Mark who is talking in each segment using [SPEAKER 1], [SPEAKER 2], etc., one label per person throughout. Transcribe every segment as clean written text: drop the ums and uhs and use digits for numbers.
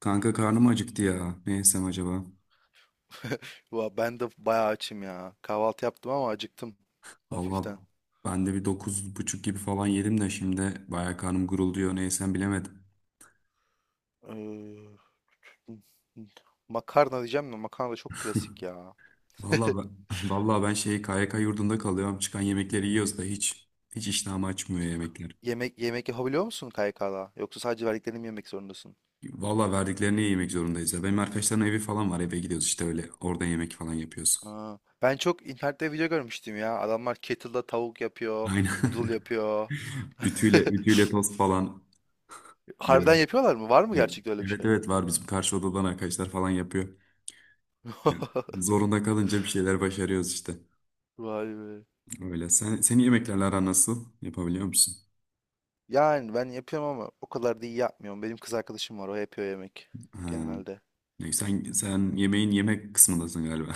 [SPEAKER 1] Kanka karnım acıktı ya. Ne yesem acaba?
[SPEAKER 2] Valla ben de bayağı açım ya. Kahvaltı yaptım ama acıktım
[SPEAKER 1] Vallahi
[SPEAKER 2] hafiften.
[SPEAKER 1] ben de bir 9.30 gibi falan yedim de şimdi bayağı karnım gurulduyor. Ne yesem bilemedim.
[SPEAKER 2] Ee, Makarna diyeceğim de makarna da çok klasik ya.
[SPEAKER 1] Vallahi ben, vallahi ben şey KYK yurdunda kalıyorum. Çıkan yemekleri yiyoruz da hiç iştahımı açmıyor yemekler.
[SPEAKER 2] Yemek yemek yapabiliyor musun KYK'da? Yoksa sadece verdiklerini mi yemek zorundasın?
[SPEAKER 1] Vallahi verdiklerini yemek zorundayız ya. Benim arkadaşların evi falan var. Eve gidiyoruz işte öyle. Orada yemek falan yapıyoruz.
[SPEAKER 2] Aa, ben çok internette video görmüştüm ya. Adamlar kettle'da tavuk yapıyor, noodle
[SPEAKER 1] Aynen.
[SPEAKER 2] yapıyor.
[SPEAKER 1] Ütüyle ütüyle tost falan
[SPEAKER 2] Harbiden
[SPEAKER 1] yiyorum.
[SPEAKER 2] yapıyorlar mı? Var mı gerçekten öyle bir
[SPEAKER 1] Evet
[SPEAKER 2] şey?
[SPEAKER 1] evet, var bizim karşı odadan arkadaşlar falan yapıyor. Yani zorunda kalınca bir şeyler başarıyoruz işte.
[SPEAKER 2] Vay be.
[SPEAKER 1] Öyle. Senin yemeklerle aran nasıl? Yapabiliyor musun?
[SPEAKER 2] Yani ben yapıyorum ama o kadar da iyi yapmıyorum. Benim kız arkadaşım var, o yapıyor yemek
[SPEAKER 1] Ha.
[SPEAKER 2] genelde.
[SPEAKER 1] Sen yemeğin yemek kısmındasın galiba.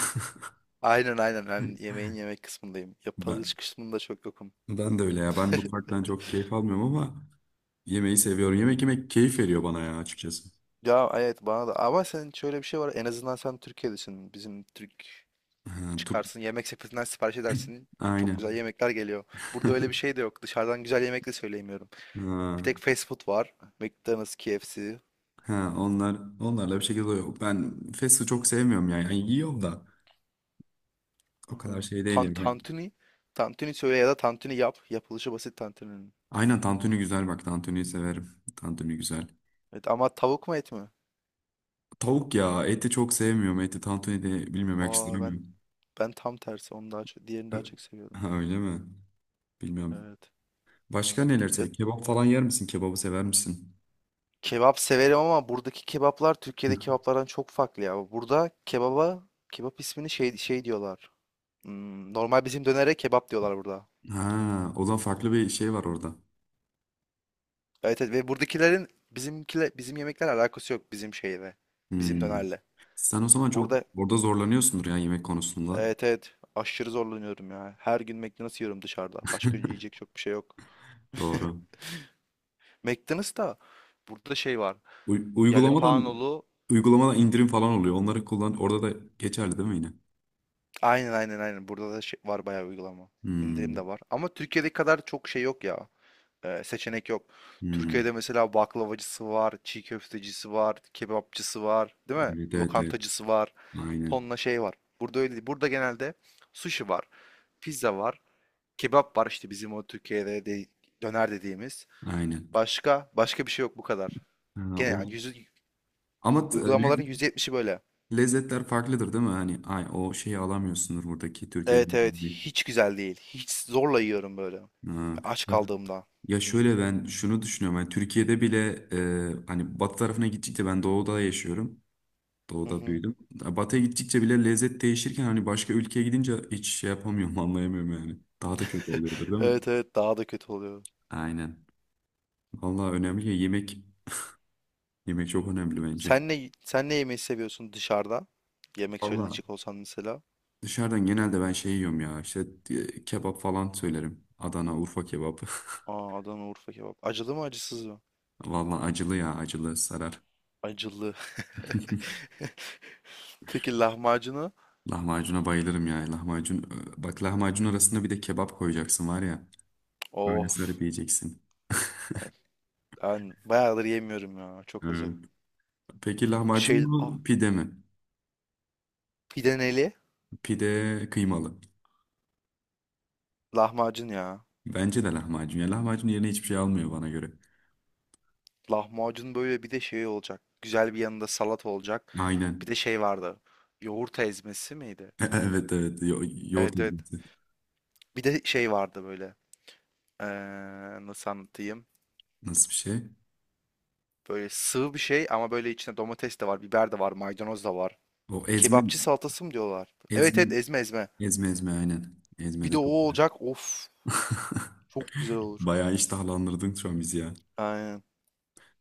[SPEAKER 2] Aynen aynen, ben yemeğin yemek kısmındayım.
[SPEAKER 1] Ben,
[SPEAKER 2] Yapılış kısmında çok yokum.
[SPEAKER 1] ben de öyle ya. Ben mutfaktan çok keyif almıyorum ama yemeği seviyorum. Yemek yemek keyif veriyor bana ya açıkçası.
[SPEAKER 2] Ya evet, bana da ama senin şöyle bir şey var, en azından sen Türkiye'desin. Bizim Türk
[SPEAKER 1] Ha.
[SPEAKER 2] çıkarsın, yemek sepetinden sipariş edersin. Çok güzel
[SPEAKER 1] Aynen.
[SPEAKER 2] yemekler geliyor. Burada öyle bir şey de yok. Dışarıdan güzel yemek de söyleyemiyorum. Bir tek
[SPEAKER 1] Ha,
[SPEAKER 2] fast food var. McDonald's, KFC.
[SPEAKER 1] ha, onlarla bir şekilde oluyor. Ben fast'ı çok sevmiyorum yani. Yani yiyorum da o kadar
[SPEAKER 2] Aha.
[SPEAKER 1] şey değilim ben.
[SPEAKER 2] Tantuni. Tantuni söyle ya da tantuni yap. Yapılışı basit tantuninin.
[SPEAKER 1] Aynen tantuni güzel, bak tantuniyi severim. Tantuni güzel.
[SPEAKER 2] Evet ama tavuk mu et mi?
[SPEAKER 1] Tavuk ya, eti çok sevmiyorum. Eti tantuni de bilmiyorum,
[SPEAKER 2] Aa, ben
[SPEAKER 1] yakıştıramıyorum.
[SPEAKER 2] ben tam tersi. Onu daha çok, diğerini daha çok seviyorum.
[SPEAKER 1] Ha, öyle mi? Bilmiyorum.
[SPEAKER 2] Evet.
[SPEAKER 1] Başka neler sev? Kebap falan yer misin? Kebabı sever misin?
[SPEAKER 2] Kebap severim ama buradaki kebaplar Türkiye'deki kebaplardan çok farklı ya. Burada kebaba kebap ismini şey diyorlar. Hmm, normal bizim dönere kebap diyorlar burada.
[SPEAKER 1] Ha, o zaman farklı bir şey var orada.
[SPEAKER 2] Evet, evet, ve buradakilerin bizimkile bizim yemekler alakası yok bizim şeyle. Bizim
[SPEAKER 1] Hmm.
[SPEAKER 2] dönerle.
[SPEAKER 1] Sen o zaman çok
[SPEAKER 2] Burada
[SPEAKER 1] orada zorlanıyorsundur ya yemek konusunda.
[SPEAKER 2] evet evet, aşırı zorlanıyorum ya. Her gün McDonald's yiyorum dışarıda. Başka yiyecek çok bir şey yok.
[SPEAKER 1] Doğru.
[SPEAKER 2] McDonald's da burada şey var.
[SPEAKER 1] Uy- uygulamadan
[SPEAKER 2] Jalapenolu
[SPEAKER 1] uygulamadan indirim falan oluyor. Onları kullan. Orada da geçerli değil mi yine?
[SPEAKER 2] aynen aynen aynen. Burada da şey var bayağı, uygulama. İndirim de
[SPEAKER 1] Hmm.
[SPEAKER 2] var. Ama Türkiye'deki kadar çok şey yok ya. Seçenek yok.
[SPEAKER 1] Hmm.
[SPEAKER 2] Türkiye'de mesela baklavacısı var, çiğ köftecisi var, kebapçısı var, değil mi?
[SPEAKER 1] Evet, evet, evet.
[SPEAKER 2] Lokantacısı var.
[SPEAKER 1] Aynen.
[SPEAKER 2] Tonla şey var. Burada öyle değil. Burada genelde sushi var, pizza var, kebap var işte bizim o Türkiye'de de döner dediğimiz.
[SPEAKER 1] Aynen.
[SPEAKER 2] Başka başka bir şey yok bu kadar.
[SPEAKER 1] Ha,
[SPEAKER 2] Gene
[SPEAKER 1] o.
[SPEAKER 2] yani
[SPEAKER 1] Ama t-
[SPEAKER 2] uygulamaların
[SPEAKER 1] lezzet-
[SPEAKER 2] %70'i böyle.
[SPEAKER 1] lezzetler farklıdır değil mi? Hani ay, o şeyi alamıyorsundur buradaki Türkiye'de.
[SPEAKER 2] Evet evet, hiç güzel değil. Hiç zorla yiyorum böyle.
[SPEAKER 1] Ha.
[SPEAKER 2] Aç
[SPEAKER 1] Ya,
[SPEAKER 2] kaldığımda.
[SPEAKER 1] ya şöyle ben şunu düşünüyorum. Hani Türkiye'de bile hani batı tarafına gittikçe, ben doğuda yaşıyorum.
[SPEAKER 2] Hı
[SPEAKER 1] Doğuda
[SPEAKER 2] hı.
[SPEAKER 1] büyüdüm. Ya batıya gittikçe bile lezzet değişirken, hani başka ülkeye gidince hiç şey yapamıyorum anlayamıyorum yani. Daha da kötü oluyordur değil mi?
[SPEAKER 2] Evet evet, daha da kötü oluyor.
[SPEAKER 1] Aynen. Vallahi önemli ya yemek. Yemek çok önemli bence.
[SPEAKER 2] Sen ne yemeği seviyorsun dışarıda? Yemek
[SPEAKER 1] Vallahi
[SPEAKER 2] söyleyecek olsan mesela.
[SPEAKER 1] dışarıdan genelde ben şey yiyorum ya işte, kebap falan söylerim. Adana, Urfa kebabı.
[SPEAKER 2] Aa, Adana Urfa kebap. Acılı mı acısız mı?
[SPEAKER 1] Vallahi acılı ya, acılı sarar.
[SPEAKER 2] Acılı. Peki lahmacunu?
[SPEAKER 1] Lahmacuna bayılırım ya. Lahmacun. Bak lahmacun arasında bir de kebap koyacaksın var ya. Öyle
[SPEAKER 2] Of.
[SPEAKER 1] sarıp yiyeceksin.
[SPEAKER 2] Evet, ben bayağıdır yemiyorum ya. Çok
[SPEAKER 1] Evet.
[SPEAKER 2] özledim.
[SPEAKER 1] Peki lahmacun
[SPEAKER 2] Şey, ah,
[SPEAKER 1] mu pide mi?
[SPEAKER 2] Pideneli
[SPEAKER 1] Pide kıymalı.
[SPEAKER 2] lahmacun ya.
[SPEAKER 1] Bence de lahmacun. Ya lahmacun yerine hiçbir şey almıyor bana göre.
[SPEAKER 2] Lahmacun böyle bir de şey olacak. Güzel bir yanında salat olacak. Bir
[SPEAKER 1] Aynen.
[SPEAKER 2] de şey vardı. Yoğurt ezmesi miydi?
[SPEAKER 1] Evet evet. Yoğurt
[SPEAKER 2] Evet evet.
[SPEAKER 1] ezmesi.
[SPEAKER 2] Bir de şey vardı böyle. Ee, Nasıl anlatayım?
[SPEAKER 1] Nasıl bir şey?
[SPEAKER 2] Böyle sığ bir şey ama böyle içinde domates de var, biber de var, maydanoz da var.
[SPEAKER 1] O ezme mi?
[SPEAKER 2] Kebapçı salatası mı diyorlar? Evet evet,
[SPEAKER 1] Ezme,
[SPEAKER 2] ezme ezme.
[SPEAKER 1] ezme ezme aynen. Ezme
[SPEAKER 2] Bir
[SPEAKER 1] de
[SPEAKER 2] de o
[SPEAKER 1] çok güzel.
[SPEAKER 2] olacak. Of, çok güzel olur.
[SPEAKER 1] Bayağı iştahlandırdın şu an bizi ya.
[SPEAKER 2] Aynen.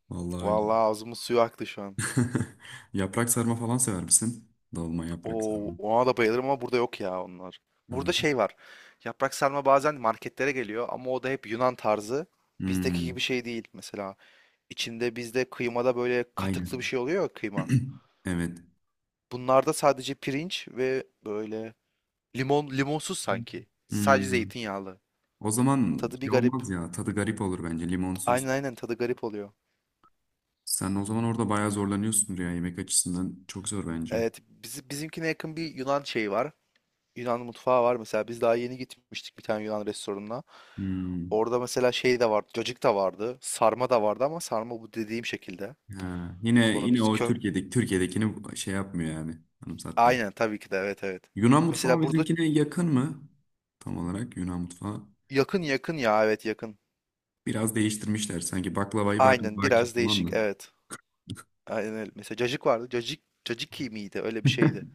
[SPEAKER 1] Vallahi öyle.
[SPEAKER 2] Vallahi ağzımın suyu aktı şu an.
[SPEAKER 1] Yaprak sarma falan sever misin? Dolma, yaprak
[SPEAKER 2] Oo,
[SPEAKER 1] sarma.
[SPEAKER 2] ona da bayılırım ama burada yok ya onlar.
[SPEAKER 1] Hı.
[SPEAKER 2] Burada şey var. Yaprak sarma bazen marketlere geliyor ama o da hep Yunan tarzı. Bizdeki gibi
[SPEAKER 1] Hmm,
[SPEAKER 2] şey değil mesela. İçinde bizde kıymada böyle katıklı
[SPEAKER 1] aynen.
[SPEAKER 2] bir şey oluyor ya, kıyma.
[SPEAKER 1] Evet.
[SPEAKER 2] Bunlarda sadece pirinç ve böyle limonsuz sanki. Sadece
[SPEAKER 1] Hmm.
[SPEAKER 2] zeytinyağlı.
[SPEAKER 1] O zaman
[SPEAKER 2] Tadı bir
[SPEAKER 1] şey
[SPEAKER 2] garip.
[SPEAKER 1] olmaz ya. Tadı garip olur bence
[SPEAKER 2] Aynen
[SPEAKER 1] limonsuz.
[SPEAKER 2] aynen, tadı garip oluyor.
[SPEAKER 1] Sen o zaman orada bayağı zorlanıyorsun ya yemek açısından. Çok zor bence.
[SPEAKER 2] Evet, bizimkine yakın bir Yunan şeyi var. Yunan mutfağı var mesela. Biz daha yeni gitmiştik bir tane Yunan restoranına.
[SPEAKER 1] Hmm.
[SPEAKER 2] Orada mesela şey de vardı. Cacık da vardı. Sarma da vardı ama sarma bu dediğim şekilde.
[SPEAKER 1] Ha. Yine
[SPEAKER 2] Sonra
[SPEAKER 1] yine
[SPEAKER 2] biz
[SPEAKER 1] o
[SPEAKER 2] kö...
[SPEAKER 1] Türkiye'dekini şey yapmıyor yani. Anımsatmıyor.
[SPEAKER 2] Aynen tabii ki de, evet evet.
[SPEAKER 1] Yunan mutfağı
[SPEAKER 2] Mesela burada
[SPEAKER 1] bizimkine yakın mı? Tam olarak Yunan mutfağı.
[SPEAKER 2] yakın yakın ya, evet yakın.
[SPEAKER 1] Biraz değiştirmişler. Sanki baklavayı
[SPEAKER 2] Aynen
[SPEAKER 1] baklava ki
[SPEAKER 2] biraz
[SPEAKER 1] falan
[SPEAKER 2] değişik,
[SPEAKER 1] mı?
[SPEAKER 2] evet. Aynen öyle. Mesela cacık vardı. Cacık caciki miydi? Öyle bir şeydi.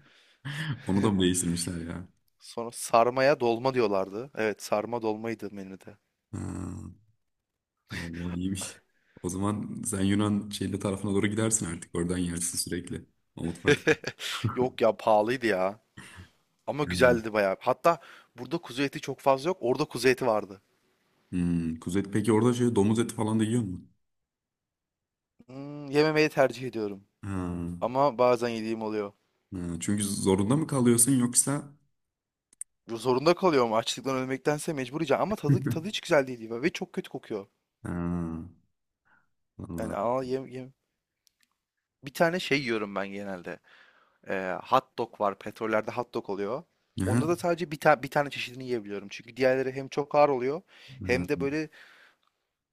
[SPEAKER 1] Onu da mı değiştirmişler ya?
[SPEAKER 2] Sonra sarmaya dolma diyorlardı. Evet, sarma dolmaydı menüde.
[SPEAKER 1] Ha, vallahi iyiymiş. O zaman sen Yunan şeyli tarafına doğru gidersin artık. Oradan yersin sürekli. O mutfak.
[SPEAKER 2] Yok ya, pahalıydı ya. Ama güzeldi bayağı. Hatta burada kuzu eti çok fazla yok. Orada kuzu eti vardı.
[SPEAKER 1] Hmm, kuzu eti. Peki orada şey domuz eti falan da yiyor musun?
[SPEAKER 2] Hmm, yememeyi tercih ediyorum.
[SPEAKER 1] Ha,
[SPEAKER 2] Ama bazen yediğim oluyor.
[SPEAKER 1] ha, çünkü zorunda mı kalıyorsun yoksa?
[SPEAKER 2] Zorunda kalıyorum, açlıktan ölmektense mecbur yiyeceğim. Ama tadı hiç güzel değil ve çok kötü kokuyor.
[SPEAKER 1] Ha,
[SPEAKER 2] Yani
[SPEAKER 1] vallahi.
[SPEAKER 2] al yem, yem. Bir tane şey yiyorum ben genelde. Hot dog var. Petrollerde hot dog oluyor.
[SPEAKER 1] Aha,
[SPEAKER 2] Onda da sadece bir tane çeşidini yiyebiliyorum. Çünkü diğerleri hem çok ağır oluyor
[SPEAKER 1] ha,
[SPEAKER 2] hem de böyle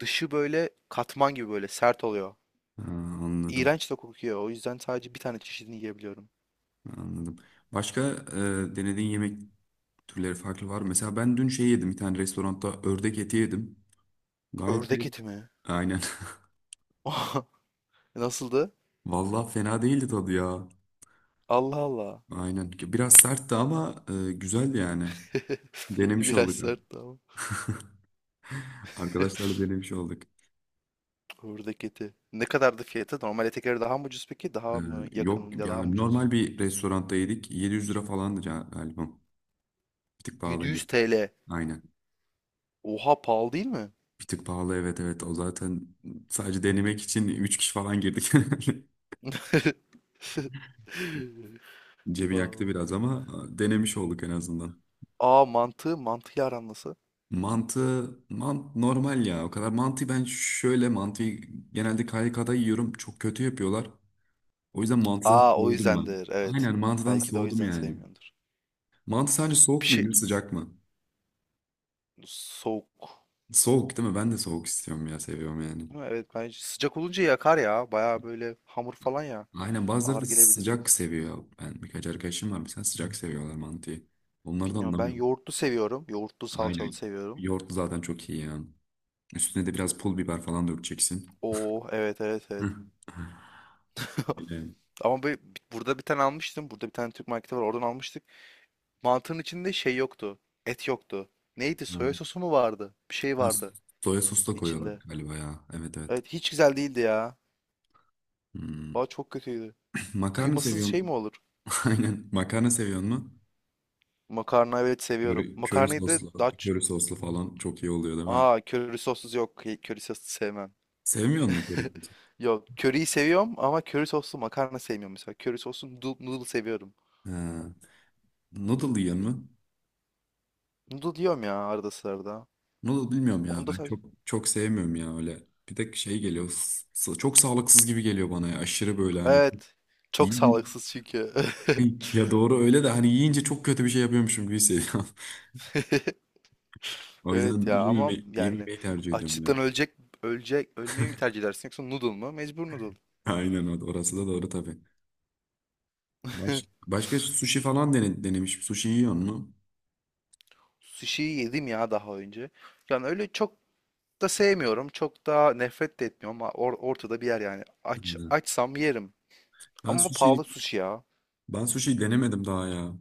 [SPEAKER 2] dışı böyle katman gibi böyle sert oluyor.
[SPEAKER 1] ha, anladım.
[SPEAKER 2] İğrenç de kokuyor. O yüzden sadece bir tane çeşidini yiyebiliyorum.
[SPEAKER 1] Anladım. Başka denediğin yemek türleri farklı var mı? Mesela ben dün şey yedim. Bir tane restoranda ördek eti yedim. Gayet de
[SPEAKER 2] Ördek eti mi?
[SPEAKER 1] aynen.
[SPEAKER 2] Nasıldı?
[SPEAKER 1] Vallahi fena değildi tadı ya.
[SPEAKER 2] Allah Allah.
[SPEAKER 1] Aynen. Biraz sertti ama güzeldi yani. Denemiş
[SPEAKER 2] Biraz
[SPEAKER 1] olduk.
[SPEAKER 2] sert ama.
[SPEAKER 1] Arkadaşlarla denemiş olduk.
[SPEAKER 2] Buradaki eti. Ne kadardı fiyatı? Normal ete göre daha mı ucuz peki?
[SPEAKER 1] E,
[SPEAKER 2] Daha mı yakın
[SPEAKER 1] yok
[SPEAKER 2] ya daha mı
[SPEAKER 1] yani,
[SPEAKER 2] ucuz?
[SPEAKER 1] normal bir restoranda yedik. 700 TL falandı, galiba. Bir tık
[SPEAKER 2] 700
[SPEAKER 1] pahalıydı.
[SPEAKER 2] TL.
[SPEAKER 1] Aynen.
[SPEAKER 2] Oha, pahalı değil mi?
[SPEAKER 1] Bir tık pahalı, evet evet. O zaten sadece denemek için 3 kişi falan girdik. Cebi
[SPEAKER 2] Aa
[SPEAKER 1] yaktı biraz ama denemiş olduk en azından.
[SPEAKER 2] Aa, mantığı aran nasıl?
[SPEAKER 1] Mantı normal ya. O kadar mantı, ben şöyle mantıyı genelde KYK'da yiyorum. Çok kötü yapıyorlar. O yüzden mantıdan
[SPEAKER 2] Aa, o
[SPEAKER 1] soğudum ben.
[SPEAKER 2] yüzdendir. Evet.
[SPEAKER 1] Aynen, mantıdan
[SPEAKER 2] Belki de o
[SPEAKER 1] soğudum
[SPEAKER 2] yüzden
[SPEAKER 1] yani.
[SPEAKER 2] sevmiyordur.
[SPEAKER 1] Mantı sadece
[SPEAKER 2] Bir
[SPEAKER 1] soğuk mu
[SPEAKER 2] şey
[SPEAKER 1] yenir, sıcak mı?
[SPEAKER 2] soğuk.
[SPEAKER 1] Soğuk değil mi? Ben de soğuk istiyorum ya, seviyorum yani.
[SPEAKER 2] Değil mi? Evet, bence sıcak olunca yakar ya. Baya böyle hamur falan ya.
[SPEAKER 1] Aynen, bazıları
[SPEAKER 2] Ağır
[SPEAKER 1] da
[SPEAKER 2] gelebilir.
[SPEAKER 1] sıcak seviyor. Ben birkaç arkadaşım var mesela, sıcak seviyorlar mantıyı. Onları da
[SPEAKER 2] Bilmiyorum, ben
[SPEAKER 1] anlamıyorum.
[SPEAKER 2] yoğurtlu seviyorum. Yoğurtlu salçalı
[SPEAKER 1] Aynen.
[SPEAKER 2] seviyorum.
[SPEAKER 1] Yoğurtlu zaten çok iyi ya. Üstüne de biraz pul biber falan dökeceksin.
[SPEAKER 2] Oo evet evet evet.
[SPEAKER 1] Hı. Öyle.
[SPEAKER 2] Ama burada bir tane almıştım. Burada bir tane Türk marketi var. Oradan almıştık. Mantının içinde şey yoktu. Et yoktu. Neydi?
[SPEAKER 1] Ha.
[SPEAKER 2] Soya sosu mu vardı? Bir şey
[SPEAKER 1] Ha,
[SPEAKER 2] vardı
[SPEAKER 1] soya sos da koyuyorlar
[SPEAKER 2] içinde.
[SPEAKER 1] galiba ya. Evet evet.
[SPEAKER 2] Evet, hiç güzel değildi ya.
[SPEAKER 1] Hmm.
[SPEAKER 2] Valla çok kötüydü.
[SPEAKER 1] Makarna
[SPEAKER 2] Kıymasız şey mi
[SPEAKER 1] seviyorum.
[SPEAKER 2] olur?
[SPEAKER 1] Aynen. Makarna seviyor mu?
[SPEAKER 2] Makarna evet,
[SPEAKER 1] Köri,
[SPEAKER 2] seviyorum.
[SPEAKER 1] köri
[SPEAKER 2] Makarnayı da
[SPEAKER 1] soslu,
[SPEAKER 2] daha... ç-
[SPEAKER 1] köri soslu falan çok iyi oluyor değil mi?
[SPEAKER 2] Aa, köri sossuz yok. Köri soslu sevmem.
[SPEAKER 1] Sevmiyor musun köri sosu?
[SPEAKER 2] Yok, köriyi seviyorum ama köri soslu makarna sevmiyorum mesela. Köri soslu noodle seviyorum.
[SPEAKER 1] Ha. Noodle yiyen mi?
[SPEAKER 2] Noodle diyorum ya arada sırada.
[SPEAKER 1] Noodle bilmiyorum ya,
[SPEAKER 2] Onda
[SPEAKER 1] ben
[SPEAKER 2] sadece.
[SPEAKER 1] çok çok sevmiyorum ya öyle. Bir de şey geliyor, çok sağlıksız gibi geliyor bana ya, aşırı böyle hani.
[SPEAKER 2] Evet. Çok
[SPEAKER 1] Yiyin-
[SPEAKER 2] sağlıksız çünkü.
[SPEAKER 1] Ya doğru öyle de, hani yiyince çok kötü bir şey yapıyormuşum gibi hissediyorum. O
[SPEAKER 2] Evet
[SPEAKER 1] yüzden
[SPEAKER 2] ya, ama
[SPEAKER 1] yememeyi,
[SPEAKER 2] yani
[SPEAKER 1] yememeyi tercih ediyorum ben.
[SPEAKER 2] açlıktan ölecek ölmeyi mi tercih edersin yoksa noodle mu? Mecbur noodle.
[SPEAKER 1] Aynen, orası da doğru tabii. Baş, başka sushi falan denemiş. Sushi yiyor mu?
[SPEAKER 2] Sushi'yi yedim ya daha önce. Yani öyle çok da sevmiyorum. Çok da nefret de etmiyorum ama ortada bir yer yani.
[SPEAKER 1] Hı.
[SPEAKER 2] Açsam yerim.
[SPEAKER 1] Ben
[SPEAKER 2] Ama
[SPEAKER 1] sushi
[SPEAKER 2] pahalı sushi ya.
[SPEAKER 1] ben sushi denemedim daha ya.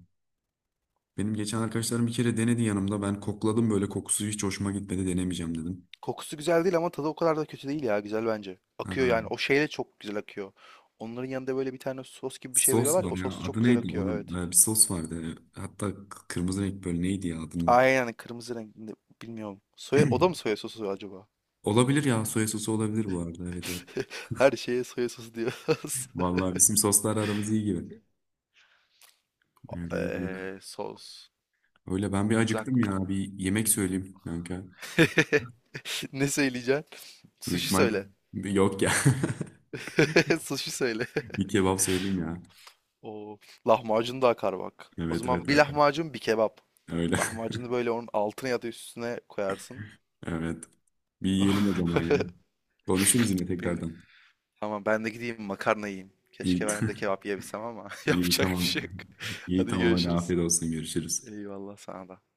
[SPEAKER 1] Benim geçen arkadaşlarım bir kere denedi yanımda. Ben kokladım böyle, kokusu hiç hoşuma gitmedi, denemeyeceğim dedim.
[SPEAKER 2] Kokusu güzel değil ama tadı o kadar da kötü değil ya. Güzel bence. Akıyor yani.
[SPEAKER 1] Ha,
[SPEAKER 2] O şeyle çok güzel akıyor. Onların yanında böyle bir tane sos gibi bir şey
[SPEAKER 1] sos
[SPEAKER 2] veriyorlar ya.
[SPEAKER 1] var
[SPEAKER 2] O
[SPEAKER 1] ya,
[SPEAKER 2] sos da çok
[SPEAKER 1] adı
[SPEAKER 2] güzel
[SPEAKER 1] neydi
[SPEAKER 2] akıyor.
[SPEAKER 1] onun?
[SPEAKER 2] Evet.
[SPEAKER 1] Bir sos vardı. Hatta kırmızı renk, böyle neydi ya adının?
[SPEAKER 2] Aynen yani, kırmızı renkli, bilmiyorum. Soya, o da mı soya sosu acaba?
[SPEAKER 1] Olabilir ya, soya sosu olabilir bu arada, evet evet.
[SPEAKER 2] Her şeye soya sosu diyoruz.
[SPEAKER 1] Vallahi bizim soslar aramız iyi gibi. Öyle iyi yok.
[SPEAKER 2] Sos.
[SPEAKER 1] Öyle, ben bir
[SPEAKER 2] Bir
[SPEAKER 1] acıktım
[SPEAKER 2] dakika
[SPEAKER 1] ya, bir yemek söyleyeyim kanka.
[SPEAKER 2] ne söyleyeceksin?
[SPEAKER 1] Büyük
[SPEAKER 2] Sushi
[SPEAKER 1] ihtimal
[SPEAKER 2] söyle.
[SPEAKER 1] yok ya.
[SPEAKER 2] Sushi söyle.
[SPEAKER 1] Bir kebap söyleyeyim ya.
[SPEAKER 2] O lahmacun da akar bak. O
[SPEAKER 1] Evet evet
[SPEAKER 2] zaman bir
[SPEAKER 1] kanka.
[SPEAKER 2] lahmacun bir kebap.
[SPEAKER 1] Öyle.
[SPEAKER 2] Lahmacunu böyle onun altına ya da üstüne koyarsın.
[SPEAKER 1] Evet. Bir yiyelim o zaman ya. Konuşuruz yine
[SPEAKER 2] Benim
[SPEAKER 1] tekrardan.
[SPEAKER 2] tamam, ben de gideyim makarna yiyeyim.
[SPEAKER 1] İyi.
[SPEAKER 2] Keşke ben de kebap yiyebilsem ama
[SPEAKER 1] İyi,
[SPEAKER 2] yapacak bir
[SPEAKER 1] tamam.
[SPEAKER 2] şey yok.
[SPEAKER 1] İyi
[SPEAKER 2] Hadi
[SPEAKER 1] tamam, hadi
[SPEAKER 2] görüşürüz.
[SPEAKER 1] afiyet olsun, görüşürüz.
[SPEAKER 2] Eyvallah sana da.